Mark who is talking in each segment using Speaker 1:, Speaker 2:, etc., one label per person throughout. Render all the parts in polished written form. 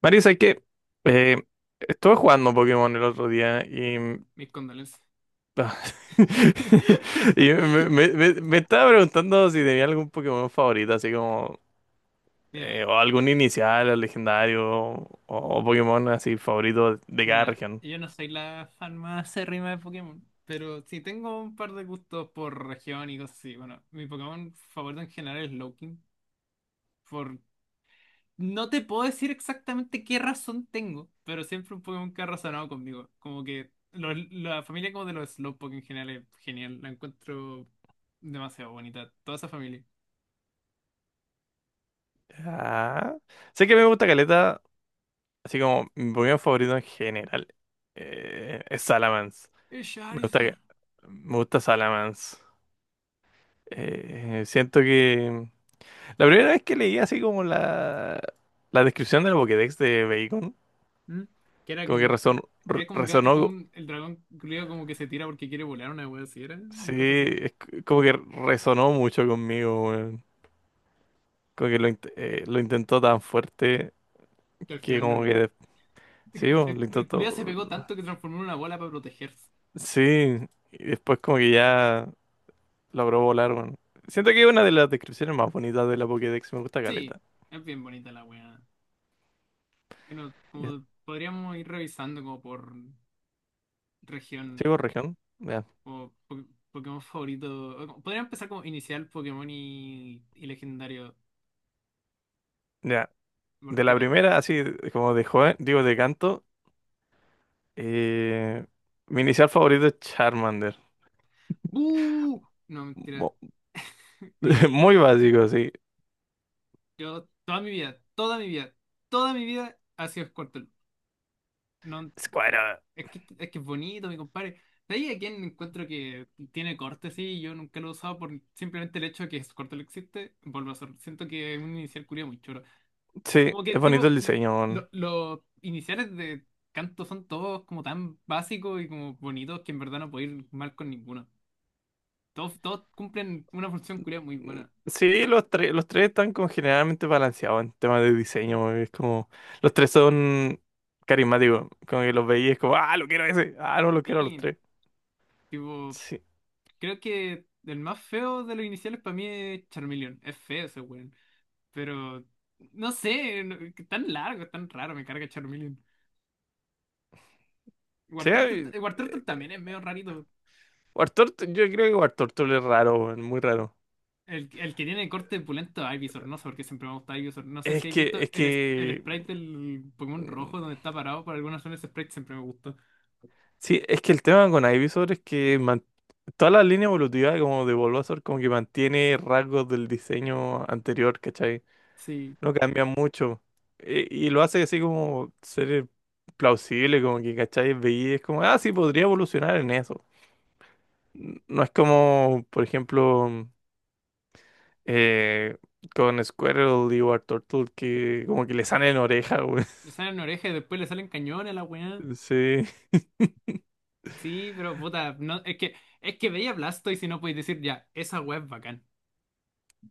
Speaker 1: Marisa, es que eh, estuve jugando Pokémon el otro día y,
Speaker 2: Mis condolencias.
Speaker 1: ah, y me, me- me- me estaba preguntando si tenía algún Pokémon favorito, así como
Speaker 2: Mira,
Speaker 1: o algún inicial, o legendario, o, Pokémon así favorito de cada
Speaker 2: mira,
Speaker 1: región.
Speaker 2: yo no soy la fan más acérrima de Pokémon, pero sí tengo un par de gustos por región y cosas así. Bueno, mi Pokémon favorito en general es Loking. Por... No te puedo decir exactamente qué razón tengo, pero siempre un Pokémon que ha razonado conmigo. Como que la familia como de los Slowpoke en general es genial. La encuentro demasiado bonita, toda esa familia.
Speaker 1: Ah, sé que me gusta Caleta, así como mi Pokémon favorito en general es Salamence.
Speaker 2: Es
Speaker 1: Me gusta,
Speaker 2: Charizard.
Speaker 1: me gusta Salamence. Siento que la primera vez que leí así como la descripción del Pokédex de Bacon,
Speaker 2: ¿Mm? Que era
Speaker 1: como
Speaker 2: como
Speaker 1: que
Speaker 2: un, es como un, ga- es como
Speaker 1: resonó,
Speaker 2: un- el dragón culiao como que se tira porque quiere volar una wea así, era
Speaker 1: sí,
Speaker 2: una cosa así.
Speaker 1: como que resonó mucho conmigo, weón. Como que lo intentó tan fuerte
Speaker 2: Que al
Speaker 1: que
Speaker 2: final no
Speaker 1: como que,
Speaker 2: lo.
Speaker 1: sí, weón,
Speaker 2: El,
Speaker 1: lo
Speaker 2: el culiao se
Speaker 1: intentó,
Speaker 2: pegó tanto que transformó en una bola para protegerse.
Speaker 1: sí, y después como que ya logró volar, weón. Siento que es una de las descripciones más bonitas de la Pokédex, me gusta
Speaker 2: Sí,
Speaker 1: caleta.
Speaker 2: es bien bonita la wea. Bueno,
Speaker 1: Y-
Speaker 2: como podríamos ir revisando como por región
Speaker 1: ¿Llego región? Ya,
Speaker 2: o po- Pokémon favorito. Podría empezar como inicial Pokémon y legendario.
Speaker 1: ya. De
Speaker 2: Porque,
Speaker 1: la
Speaker 2: a ver.
Speaker 1: primera, así como de joven, digo de canto. Eh, Mi inicial favorito es Charmander.
Speaker 2: ¡Uh! No, mentira.
Speaker 1: Mu-
Speaker 2: Mi,
Speaker 1: Muy básico, sí.
Speaker 2: yo, toda mi vida, toda mi vida, toda mi vida ha sido Squirtle. No,
Speaker 1: Squirtle.
Speaker 2: es que es bonito, mi compadre. De ahí a quien encuentro que tiene corte, sí, yo nunca lo he usado por simplemente el hecho de que su corte lo existe, vuelvo a hacer. Siento que es un inicial culiao muy choro.
Speaker 1: Sí,
Speaker 2: Como que,
Speaker 1: es bonito
Speaker 2: tipo,
Speaker 1: el diseño, weón.
Speaker 2: los iniciales de canto son todos como tan básicos y como bonitos que en verdad no puedo ir mal con ninguno. Todos, todos cumplen una función culiao muy buena.
Speaker 1: Sí, los tres están como generalmente balanceados en temas de diseño, weón. Es como, los tres son carismáticos. Como que los veías como, ah, lo quiero ese. Ah, no, lo quiero a los
Speaker 2: Sí,
Speaker 1: tres.
Speaker 2: tipo,
Speaker 1: Sí.
Speaker 2: creo que el más feo de los iniciales para mí es Charmeleon. Es feo ese weón. Pero no sé, tan largo, tan raro, me carga Charmeleon.
Speaker 1: Sí,
Speaker 2: Wartortle, Wartortle también es medio rarito.
Speaker 1: Yo creo que Wartortle es raro, weón, muy raro.
Speaker 2: El que tiene corte pulento es Ivysaur, no sé por qué siempre me gusta Ivysaur. No sé si habéis visto
Speaker 1: Es
Speaker 2: el
Speaker 1: que
Speaker 2: sprite del Pokémon rojo donde está parado, por alguna razón ese sprite siempre me gustó.
Speaker 1: Sí, es que el tema con Ivysaur es que toda la línea evolutiva como de Bulbasaur como que mantiene rasgos del diseño anterior, ¿cachai?
Speaker 2: Sí,
Speaker 1: No cambia mucho. Y, lo hace así como ser plausible, como que, ¿cachai? Veí, es como, ah, sí, podría evolucionar en eso. No es como, por ejemplo, eh, con Squirtle y Turtle que como que le salen oreja, güey.
Speaker 2: le salen orejas y después le salen cañones a la weá.
Speaker 1: Sí.
Speaker 2: Sí, pero puta, no, es que veía Blastoise y no podéis decir ya, esa weá es bacán.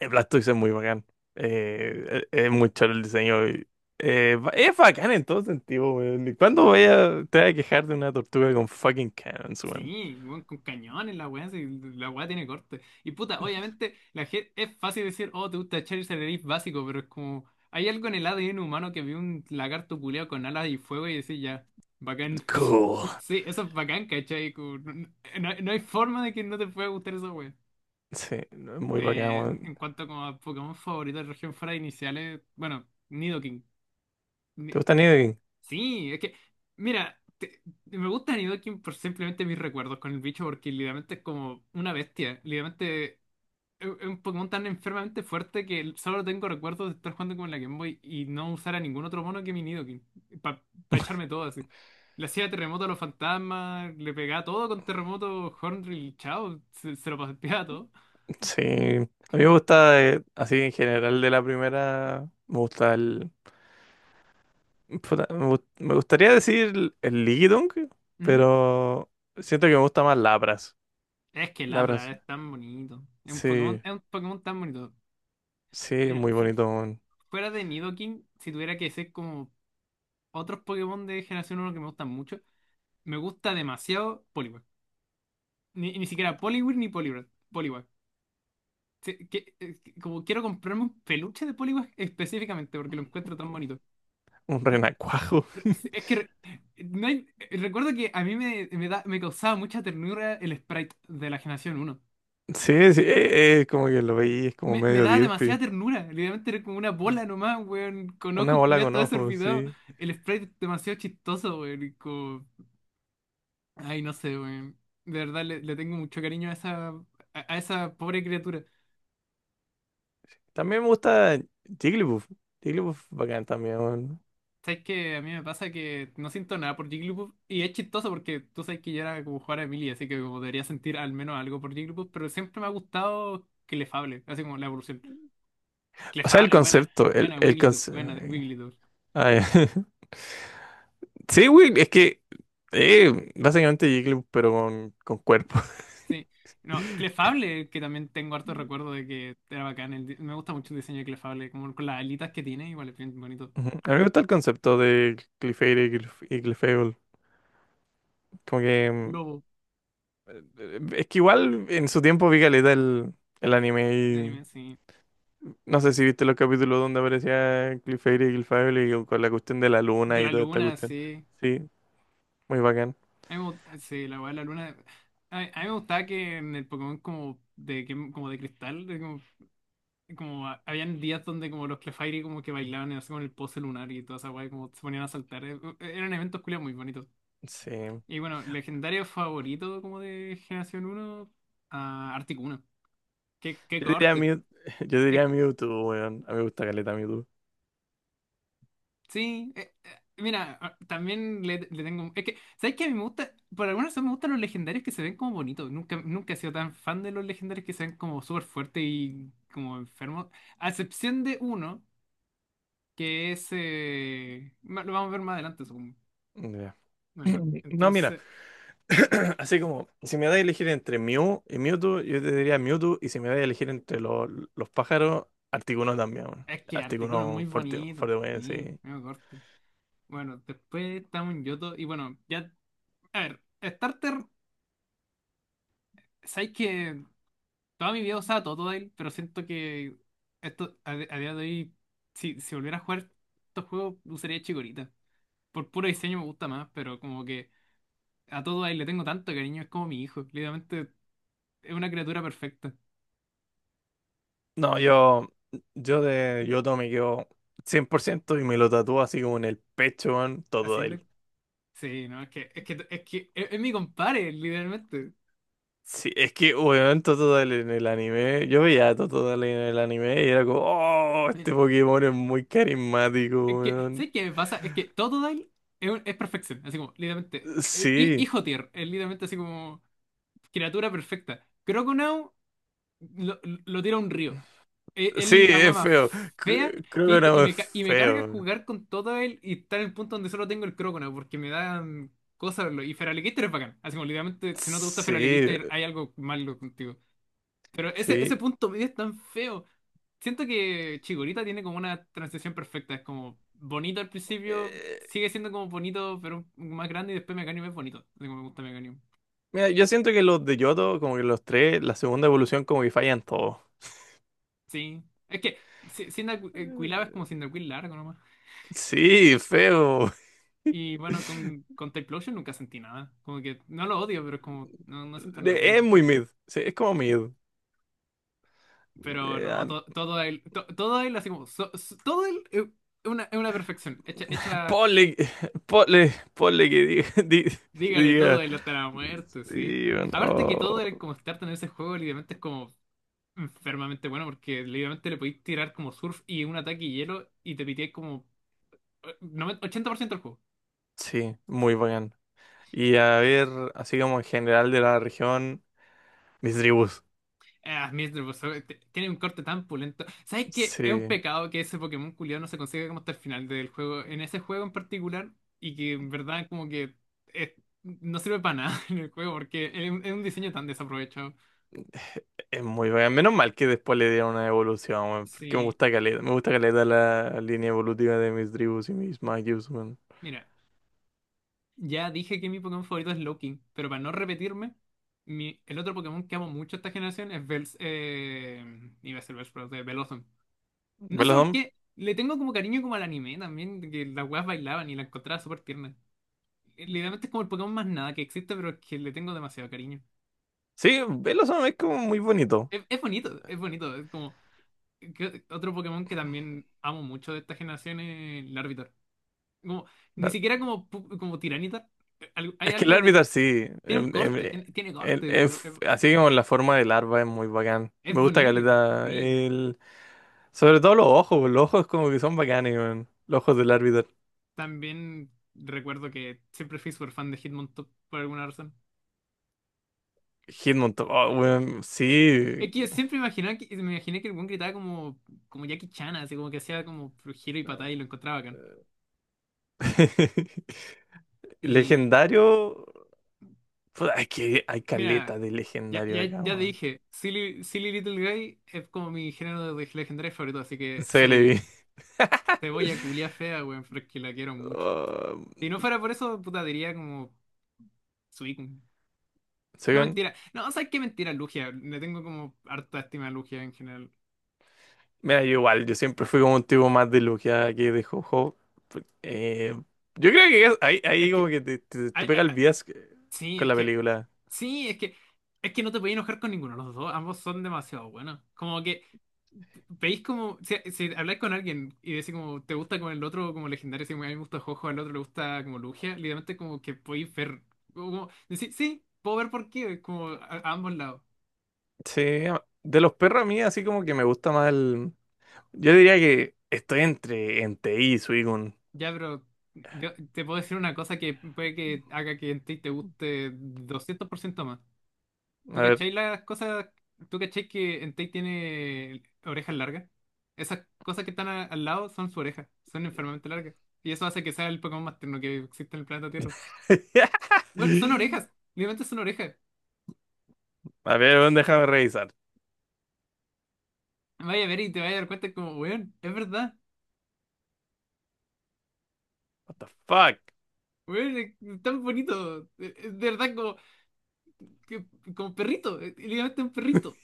Speaker 1: El Blastoise es muy bacán. Es muy chulo el diseño. Y, es bacán en todo sentido, weón. ¿Y cuándo te voy a quejar de una tortuga con fucking cannons, weón?
Speaker 2: Sí, weón, con cañones la weá, sí, la weá tiene corte. Y puta, obviamente, la gente es fácil decir, oh, te gusta Charizard, eres básico, pero es como, hay algo en el ADN humano que vio un lagarto culeado con alas y fuego y decís, ya, bacán.
Speaker 1: Cool.
Speaker 2: Sí, eso es bacán, ¿cachai? Como, no, no hay forma de que no te pueda gustar esa weá.
Speaker 1: Sí, no, es muy bacán, weón.
Speaker 2: En cuanto como a Pokémon favorito de región fuera de iniciales, bueno, Nidoking.
Speaker 1: ¿Te gusta Nidoking?
Speaker 2: Sí, es que, mira, me gusta Nidoking por simplemente mis recuerdos con el bicho, porque literalmente es como una bestia. Literalmente es un Pokémon tan enfermamente fuerte que solo tengo recuerdos de estar jugando con la Game Boy y no usar a ningún otro mono que mi Nidoking, para echarme todo así. Le hacía terremoto a los fantasmas, le pegaba todo con terremoto, Hornrill, chao, se lo paseaba todo.
Speaker 1: Sí. A mí me gusta, así en general de la primera, me gusta puta, me gustaría decir el Ligidunk,
Speaker 2: ¿Mm?
Speaker 1: pero siento que me gusta más Lapras.
Speaker 2: Es que
Speaker 1: Lapras.
Speaker 2: Labra es tan bonito.
Speaker 1: Sí,
Speaker 2: Es un Pokémon tan bonito.
Speaker 1: sí, es
Speaker 2: Mira,
Speaker 1: muy bonito, weón.
Speaker 2: fuera de Nidoking, si tuviera que ser como otros Pokémon de generación 1 que me gustan mucho. Me gusta demasiado Poliwag. Ni siquiera Poliwhirl ni Poliwrath. Poliwag. Como quiero comprarme un peluche de Poliwag específicamente porque lo encuentro tan bonito.
Speaker 1: Un
Speaker 2: Como-
Speaker 1: renacuajo.
Speaker 2: es que re- no hay- recuerdo que a mí me causaba mucha ternura el sprite de la generación 1.
Speaker 1: Sí, sí, como que lo veí, es como
Speaker 2: Me
Speaker 1: medio
Speaker 2: daba demasiada
Speaker 1: derpy.
Speaker 2: ternura. Literalmente era como una bola nomás, weón. Con
Speaker 1: Una
Speaker 2: ojos
Speaker 1: bola
Speaker 2: culiados
Speaker 1: con
Speaker 2: todo
Speaker 1: ojos,
Speaker 2: desorbitado.
Speaker 1: sí.
Speaker 2: El sprite es demasiado chistoso, weón. Ay, no sé, weón. De verdad le, le tengo mucho cariño a a esa pobre criatura.
Speaker 1: También me gusta Jigglypuff. Jigglypuff bacán también, weón.
Speaker 2: Sabes que a mí me pasa que no siento nada por Jigglypuff. Y es chistoso porque tú sabes que yo era como jugar a Emily, así que como debería sentir al menos algo por Jigglypuff. Pero siempre me ha gustado Clefable, así como la evolución.
Speaker 1: O sea, el
Speaker 2: Clefable, buena,
Speaker 1: concepto, el,
Speaker 2: buena
Speaker 1: el
Speaker 2: Wigglytuff,
Speaker 1: concepto.
Speaker 2: buena Wigglytuff.
Speaker 1: Sí, güey, es que básicamente Jigglypuff, pero con cuerpo.
Speaker 2: Sí. No, Clefable, que también tengo harto recuerdo de que era bacán. Me gusta mucho el diseño de Clefable, como con las alitas que tiene, igual es bien bonito.
Speaker 1: Ujú. A mí me gusta el concepto de Clefairy y Clefable. Como que
Speaker 2: Lobo,
Speaker 1: es que igual en su tiempo vi caleta el
Speaker 2: un
Speaker 1: anime.
Speaker 2: anime, sí.
Speaker 1: No sé si viste los capítulos donde aparecía Clefairy y Gilfable y con la cuestión de la
Speaker 2: De
Speaker 1: luna y
Speaker 2: la
Speaker 1: toda esta
Speaker 2: luna,
Speaker 1: cuestión.
Speaker 2: sí.
Speaker 1: Sí, muy bacán.
Speaker 2: A mí me gusta- sí, la weá de la luna. A mí me gustaba que en el Pokémon como como de cristal, de como, habían días donde como los Clefairy como que bailaban así con el pose lunar y toda esa weá, y como se ponían a saltar. Eran eventos culiados muy bonitos.
Speaker 1: Sí.
Speaker 2: Y bueno, legendario favorito como de Generación 1 a Articuno. Qué, qué
Speaker 1: Yo diría
Speaker 2: corte.
Speaker 1: Mew, yo diría Mewtwo, weón. A mí me gusta caleta Mewtwo.
Speaker 2: Sí, mira, ah, también le tengo... Es que, ¿sabes qué? A mí me gusta, por alguna razón me gustan los legendarios que se ven como bonitos. Nunca, nunca he sido tan fan de los legendarios que se ven como súper fuertes y como enfermos. A excepción de uno, que es... lo vamos a ver más adelante, supongo.
Speaker 1: Ya.
Speaker 2: Bueno,
Speaker 1: No, mira,
Speaker 2: entonces... mm,
Speaker 1: así como, si me da a elegir entre Mew y Mewtwo, yo te diría Mewtwo, y si me da a elegir entre los pájaros, Articuno también, weón.
Speaker 2: Es que Articuno es
Speaker 1: Articuno
Speaker 2: muy
Speaker 1: fuerte,
Speaker 2: bonito.
Speaker 1: fuerte, weón,
Speaker 2: Sí,
Speaker 1: sí.
Speaker 2: me corto. Bueno, después estamos en Yoto y bueno, ya... A ver, Starter, ¿sabes qué? Toda mi vida usaba Totodile, pero siento que esto a día de hoy, si volviera a jugar estos juegos, usaría Chikorita. Por puro diseño me gusta más, pero como que a Totodile le tengo tanto cariño, es como mi hijo. Literalmente es una criatura perfecta.
Speaker 1: No, yo de Yoto me quedo 100% y me lo tatúo así como en el pecho, weón,
Speaker 2: ¿Así? Index?
Speaker 1: Totodile.
Speaker 2: Sí, no, es mi compadre, literalmente.
Speaker 1: Sí, es que, weón, Totodile en el anime, yo veía a Totodile en el anime y era como, oh,
Speaker 2: Mira,
Speaker 1: este Pokémon es muy
Speaker 2: Es
Speaker 1: carismático,
Speaker 2: que,
Speaker 1: weón.
Speaker 2: ¿sabes qué me pasa? Es que Totodile es, es perfección, así como, literalmente.
Speaker 1: Sí,
Speaker 2: Hijo tier, es literalmente así como criatura perfecta. Croconaw lo, lo tira a un río. Es
Speaker 1: sí,
Speaker 2: la weá
Speaker 1: es
Speaker 2: más
Speaker 1: feo.
Speaker 2: fea
Speaker 1: Creo
Speaker 2: que he
Speaker 1: que
Speaker 2: visto, Y
Speaker 1: no es
Speaker 2: me
Speaker 1: feo,
Speaker 2: carga
Speaker 1: weón.
Speaker 2: jugar con todo él y estar en el punto donde solo tengo el Croconaw porque me dan cosas. Verlo. Y Feraligatr es bacán. Así como literalmente, si no te gusta
Speaker 1: Sí,
Speaker 2: Feraligatr, hay algo malo contigo. Pero ese
Speaker 1: sí.
Speaker 2: punto medio es tan feo. Siento que Chikorita tiene como una transición perfecta. Es como bonito al principio,
Speaker 1: Eh,
Speaker 2: sigue siendo como bonito, pero más grande. Y después Meganium es bonito. Así como me gusta Meganium.
Speaker 1: Mira, yo siento que los de Yoto, como que los tres, la segunda evolución como que fallan todos.
Speaker 2: Sí. Es que Quilava es
Speaker 1: Eh,
Speaker 2: como Cyndaquil largo.
Speaker 1: Sí, feo.
Speaker 2: Y bueno, con Type Lotion nunca sentí nada. Como que no lo odio, pero es como, no, no siento nada por mi
Speaker 1: Es muy
Speaker 2: compadre.
Speaker 1: mid. Sí, es como
Speaker 2: Sí.
Speaker 1: mid.
Speaker 2: Pero
Speaker 1: Eh,
Speaker 2: no,
Speaker 1: ah,
Speaker 2: todo él, todo él, así como, todo él es una perfección. Hecha, hecha,
Speaker 1: ponle, ponle que diga, que
Speaker 2: dígale todo
Speaker 1: diga.
Speaker 2: él hasta la muerte, sí.
Speaker 1: Sí, bueno,
Speaker 2: Aparte que todo
Speaker 1: oh,
Speaker 2: él, como estar en ese juego, literalmente es como enfermamente bueno, porque literalmente le podéis tirar como surf y un ataque y hielo y te piteáis como 80% del juego.
Speaker 1: sí, muy bacán. Y a ver, así como en general de la región, mis tribus.
Speaker 2: Ah, Mr. tiene un corte tan pulento. ¿Sabes qué? Es un
Speaker 1: Sí,
Speaker 2: pecado que ese Pokémon culiao no se consiga como hasta el final del juego, en ese juego en particular, y que en verdad como que eh, no sirve para nada en el juego porque es un diseño tan desaprovechado.
Speaker 1: es muy bacán. Menos mal que después le dieron una evolución, weón, porque
Speaker 2: Sí,
Speaker 1: me gusta caleta la línea evolutiva de mis tribus y mis magios, weón.
Speaker 2: mira, ya dije que mi Pokémon favorito es Loking, pero para no repetirme, el otro Pokémon que amo mucho esta generación es iba a ser Bellsprout, de Bellossom. No sé
Speaker 1: ¿Velozón?
Speaker 2: por qué, le tengo como cariño como al anime también, que las weas bailaban y la encontraba súper tierna. Literalmente es como el Pokémon más nada que existe, pero es que le tengo demasiado cariño.
Speaker 1: Sí, Velozón es como muy bonito.
Speaker 2: Es bonito, es bonito. Es como otro Pokémon que también amo mucho de esta generación es el Larvitar. Como, ni siquiera como, como Tiranitar. Hay
Speaker 1: Es que el
Speaker 2: algo de...
Speaker 1: árbitro sí,
Speaker 2: Tiene un corte, tiene corte. Es,
Speaker 1: así como la forma del larva es muy bacán.
Speaker 2: es
Speaker 1: Me gusta
Speaker 2: buenísimo.
Speaker 1: caleta.
Speaker 2: Sí.
Speaker 1: Sobre todo los ojos, weón, los ojos como que son bacanes, weón. Los ojos del árbitro.
Speaker 2: También recuerdo que siempre fui súper fan de Hitmontop por alguna razón.
Speaker 1: Hitmon, to- oh, weón,
Speaker 2: Eh, Es
Speaker 1: sí.
Speaker 2: que yo siempre imaginaba que, me imaginé que el buen gritaba como, como Jackie Chan, así como que hacía como giro y patada y lo encontraba bacán. Y
Speaker 1: Legendario. Puta, es que hay caleta
Speaker 2: Mira,
Speaker 1: de
Speaker 2: ya,
Speaker 1: legendario
Speaker 2: ya,
Speaker 1: acá,
Speaker 2: ya
Speaker 1: weón.
Speaker 2: dije, Silly Little Guy es como mi género de legendario favorito, así que se lo vi.
Speaker 1: Celebi.
Speaker 2: Te voy a culiar fea, weón, pero es que la quiero mucho.
Speaker 1: Oh,
Speaker 2: Si no fuera por eso, puta, diría como Suicune.
Speaker 1: ¿sí,
Speaker 2: No,
Speaker 1: weón?
Speaker 2: mentira. No, ¿sabes qué? Mentira, Lugia. Le tengo como harta estima a Lugia en general.
Speaker 1: Mira, yo igual, yo siempre fui como un tipo más de logia que de jojo. Pues, yo creo que ahí,
Speaker 2: Es
Speaker 1: ahí como
Speaker 2: que
Speaker 1: que te, te-
Speaker 2: hay,
Speaker 1: te pega el
Speaker 2: hay-
Speaker 1: bias
Speaker 2: Sí,
Speaker 1: con
Speaker 2: es
Speaker 1: la
Speaker 2: que.
Speaker 1: película.
Speaker 2: Sí, es que. Es que no te podías enojar con ninguno de los dos. Ambos son demasiado buenos. Como que. Veis como. Si, si habláis con alguien y decís como. Te gusta como el otro, como legendario. Si a mí me gusta Jojo, al otro le gusta como Lugia. Literalmente como que podéis ver. Como, decir, sí, puedo ver por qué. Como a ambos lados.
Speaker 1: Sí, de los perros a mí así como que me gusta más el. Yo diría que estoy entre Entei y Suicune.
Speaker 2: Ya, pero. Yo te puedo decir una cosa que puede que haga que en ti te guste 200% más. ¿Tú
Speaker 1: A ver.
Speaker 2: cachai las cosas? ¿Tú cachai que Entei tiene orejas largas? Esas cosas que están al lado son su oreja, son enfermamente largas. Y eso hace que sea el Pokémon más tierno que existe en el planeta Tierra. Bueno, son orejas, literalmente son orejas.
Speaker 1: A ver, weón, déjame revisar.
Speaker 2: Vaya a ver y te vaya a dar cuenta como, weón, es verdad.
Speaker 1: What the fuck?
Speaker 2: Weón, es tan bonito. Es de verdad como, que- como perrito, es literalmente un perrito.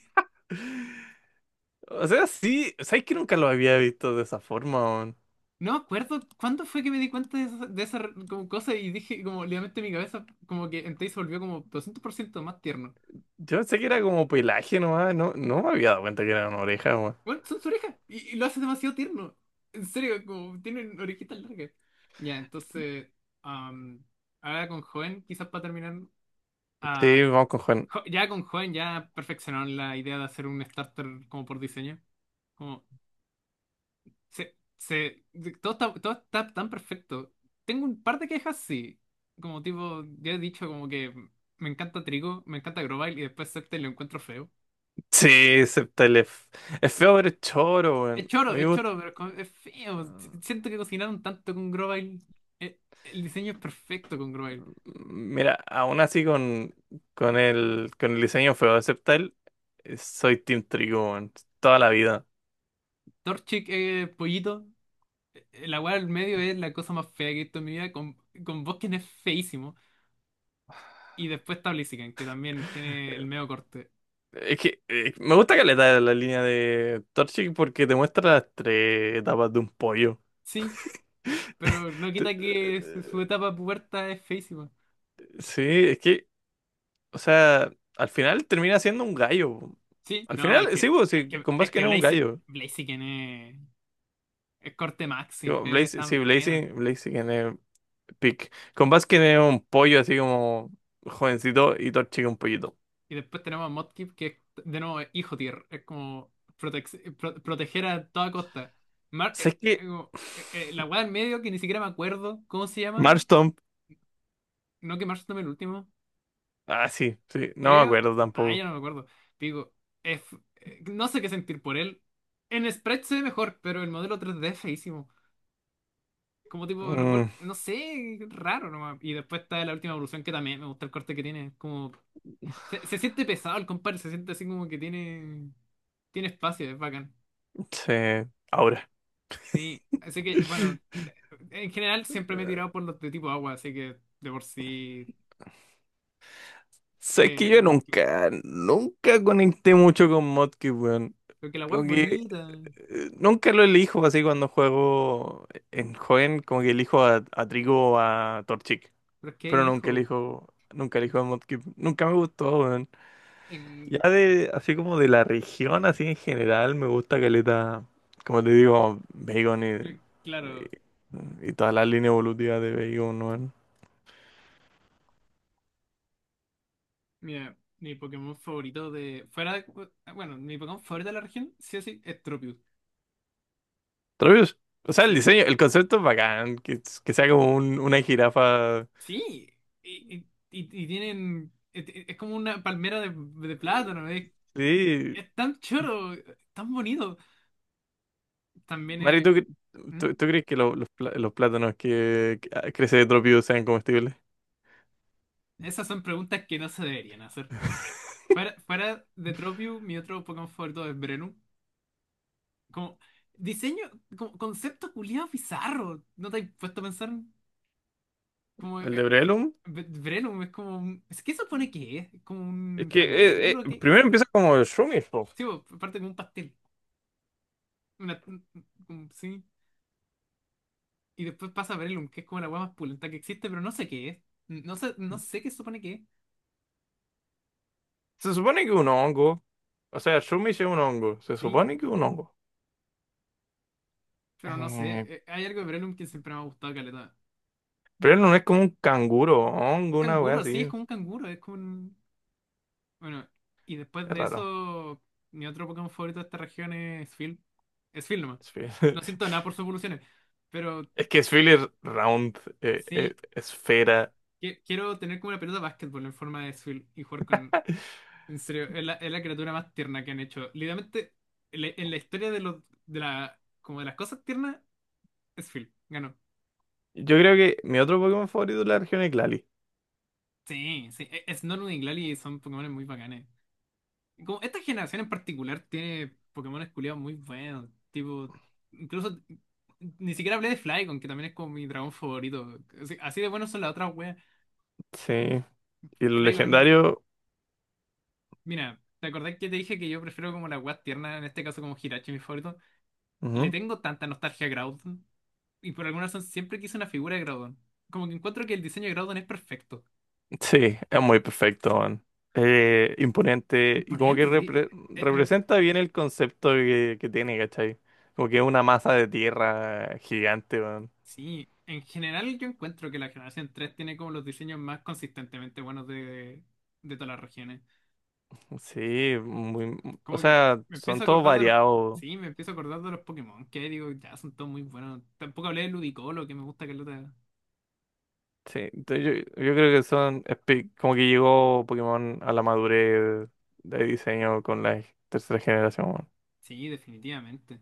Speaker 1: O sea, sí, ¿sabes que nunca lo había visto de esa forma, weón?
Speaker 2: No me acuerdo cuándo fue que me di cuenta de esa, como cosa y dije como literalmente en mi cabeza como que Entei se volvió como 200% más tierno.
Speaker 1: Yo pensé que era como pelaje nomás, no, no me había dado cuenta que era una oreja.
Speaker 2: Bueno, son su oreja y lo hace demasiado tierno. En serio, como tienen orejitas largas. Ya, entonces, am, ahora con Joven, quizás para terminar, ah,
Speaker 1: Sí, vamos con Juan.
Speaker 2: Ya con Joven ya perfeccionaron la idea de hacer un starter como por diseño. Como, todo está, tan perfecto. Tengo un par de quejas, sí. Como tipo, ya he dicho como que me encanta Trigo, me encanta Grovyle y después Scepter lo encuentro feo.
Speaker 1: Sí, acepta el. Es feo, pero es choro, weón. A mí me
Speaker 2: Es
Speaker 1: gusta.
Speaker 2: choro, pero es feo.
Speaker 1: Ah,
Speaker 2: Siento que cocinaron tanto con Grovyle. Eh, El diseño es perfecto con Grovyle.
Speaker 1: mira, aún así con, con el diseño feo de Septal, soy Team Trigo, weón, toda la vida.
Speaker 2: Torchic es pollito. La weá del medio es la cosa más fea que he visto en mi vida. Con Bosken es feísimo. Y después está Blaziken, que también tiene el medio corte.
Speaker 1: Es que me gusta caleta la línea de Torchic porque te muestra las tres etapas de un pollo.
Speaker 2: Sí, pero no
Speaker 1: Te-
Speaker 2: quita que su
Speaker 1: eh,
Speaker 2: etapa puberta es feísima.
Speaker 1: Sí, es que, o sea, al final termina siendo un gallo.
Speaker 2: Sí,
Speaker 1: Al
Speaker 2: no, pero
Speaker 1: final, sí, weón, sí, con Basque no es un gallo.
Speaker 2: Blaziken es corte Maxim.
Speaker 1: Digo,
Speaker 2: Es
Speaker 1: Blaze,
Speaker 2: tan
Speaker 1: sí,
Speaker 2: bueno.
Speaker 1: Blaze, Blaze Pick. Con Baskin es un pollo así como jovencito y Torchic es un pollito.
Speaker 2: Y después tenemos a Mudkip, que es de nuevo hijo tier. Es como proteger a toda costa.
Speaker 1: ¿Sabes qué?
Speaker 2: Como, la weá en medio, que ni siquiera me acuerdo cómo se llama.
Speaker 1: Marstomp.
Speaker 2: No que Marsh tome el último.
Speaker 1: Ah, sí, sí. No me
Speaker 2: Creo.
Speaker 1: acuerdo
Speaker 2: Ah, ya
Speaker 1: tampoco.
Speaker 2: no me acuerdo. Digo, es- no sé qué sentir por él. En Sprite se ve mejor, pero el modelo 3D es feísimo. Como tipo, recuerdo,
Speaker 1: Mm,
Speaker 2: no sé, raro nomás. Y después está la última evolución que también me gusta el corte que tiene. Es como, se siente pesado el compadre, se siente así como que tiene, espacio, es bacán.
Speaker 1: sí, ahora.
Speaker 2: Sí, así que, bueno, en general siempre me he tirado por los de tipo agua, así que de por sí.
Speaker 1: Sabes que yo
Speaker 2: No,
Speaker 1: nunca, nunca conecté mucho con Modkit, weón.
Speaker 2: porque el agua es
Speaker 1: Como que
Speaker 2: bonita,
Speaker 1: nunca lo elijo así cuando juego en joven, como que elijo a, Trico o a Torchic.
Speaker 2: pero es que
Speaker 1: Pero
Speaker 2: hay
Speaker 1: nunca
Speaker 2: hijos.
Speaker 1: elijo, nunca elijo a Modkit. Nunca me gustó, weón.
Speaker 2: En,
Speaker 1: Ya de, así como de la región, así en general, me gusta caleta, como te digo, Bacon y,
Speaker 2: claro,
Speaker 1: y toda la línea evolutiva de Bacon, ¿no?
Speaker 2: mira, mi Pokémon favorito de. Fuera de. Bueno, mi Pokémon favorito de la región, sí o sí, es Tropius.
Speaker 1: Travis, o sea, el
Speaker 2: Sí.
Speaker 1: diseño, el concepto es bacán, que sea como una jirafa.
Speaker 2: Sí. Y tienen. Es como una palmera de plátano, es,
Speaker 1: Sí,
Speaker 2: es tan choro, tan bonito. También.
Speaker 1: Mari, ¿tú, cre- tú,
Speaker 2: ¿Mm?
Speaker 1: tú crees que los plátanos que crece de Tropio sean comestibles?
Speaker 2: Esas son preguntas que no se deberían hacer. Fuera de Tropiu, mi otro Pokémon favorito es Brenu. Como diseño, como concepto culiado bizarro. ¿No te has puesto a pensar? Como
Speaker 1: El de
Speaker 2: eh,
Speaker 1: Brelum,
Speaker 2: Brenu es como ¿Qué se supone que es? ¿Es como
Speaker 1: es
Speaker 2: un
Speaker 1: que
Speaker 2: canguro? ¿Qué se
Speaker 1: primero
Speaker 2: supone?
Speaker 1: empieza como el Shumish, po.
Speaker 2: Sí, bo, parte como un pastel. Una, un- sí. Y después pasa Brelum, que es como la hueá más pulenta que existe, pero no sé qué es. No sé qué se supone que es.
Speaker 1: Se supone que es un hongo, o sea, Shumish es un hongo, se
Speaker 2: Sí,
Speaker 1: supone que es un hongo.
Speaker 2: pero no sé.
Speaker 1: Eh,
Speaker 2: Hay algo de Brelum que siempre me ha gustado, caleta.
Speaker 1: pero no es como un canguro, hongo, una wea
Speaker 2: Canguro, sí, es
Speaker 1: así.
Speaker 2: como un canguro, Bueno, y después
Speaker 1: Es
Speaker 2: de
Speaker 1: raro.
Speaker 2: eso, mi otro Pokémon favorito de esta región es Phil. Es Phil nomás.
Speaker 1: Esfe-
Speaker 2: No siento nada por sus evoluciones, pero
Speaker 1: Es que Spheler Round,
Speaker 2: sí,
Speaker 1: esfera.
Speaker 2: quiero tener como una pelota de básquetbol en forma de Phil y jugar con... En serio, es la criatura más tierna que han hecho. Literalmente, en la historia de los, de la, como de las cosas tiernas, es Phil. Ganó.
Speaker 1: Yo creo que mi otro Pokémon favorito es la región es Glalie.
Speaker 2: Sí, sí. Snorlax y Glalie son Pokémones muy bacanes. Como esta generación en particular tiene Pokémon culiados muy buenos. Tipo, incluso ni siquiera hablé de Flygon, que también es como mi dragón favorito. Así, así de buenos son las otras weas.
Speaker 1: Sí. Y los
Speaker 2: Flygon es muy-
Speaker 1: legendarios.
Speaker 2: Mira, ¿te acordás que te dije que yo prefiero como las weas tiernas, en este caso como Hirachi, mi favorito? Le
Speaker 1: Ujú.
Speaker 2: tengo tanta nostalgia a Groudon. Y por alguna razón siempre quise una figura de Groudon. Como que encuentro que el diseño de Groudon es perfecto.
Speaker 1: Sí, es muy perfecto, man. Imponente. Y como que
Speaker 2: Imponente, sí. Eh, eh,
Speaker 1: representa bien el concepto que tiene, ¿cachai? Como que es una masa de tierra gigante, man.
Speaker 2: sí, en general yo encuentro que la generación 3 tiene como los diseños más consistentemente buenos de todas las regiones.
Speaker 1: Sí, muy, o
Speaker 2: Como que
Speaker 1: sea,
Speaker 2: me
Speaker 1: son
Speaker 2: empiezo a
Speaker 1: todos
Speaker 2: acordar de los...
Speaker 1: variados.
Speaker 2: Sí, me empiezo a acordar de los Pokémon, que digo, ya son todos muy buenos. Tampoco hablé de Ludicolo, que me gusta que lo...
Speaker 1: Sí, entonces yo creo que son como que llegó Pokémon a la madurez de diseño con la tercera generación.
Speaker 2: Sí, definitivamente.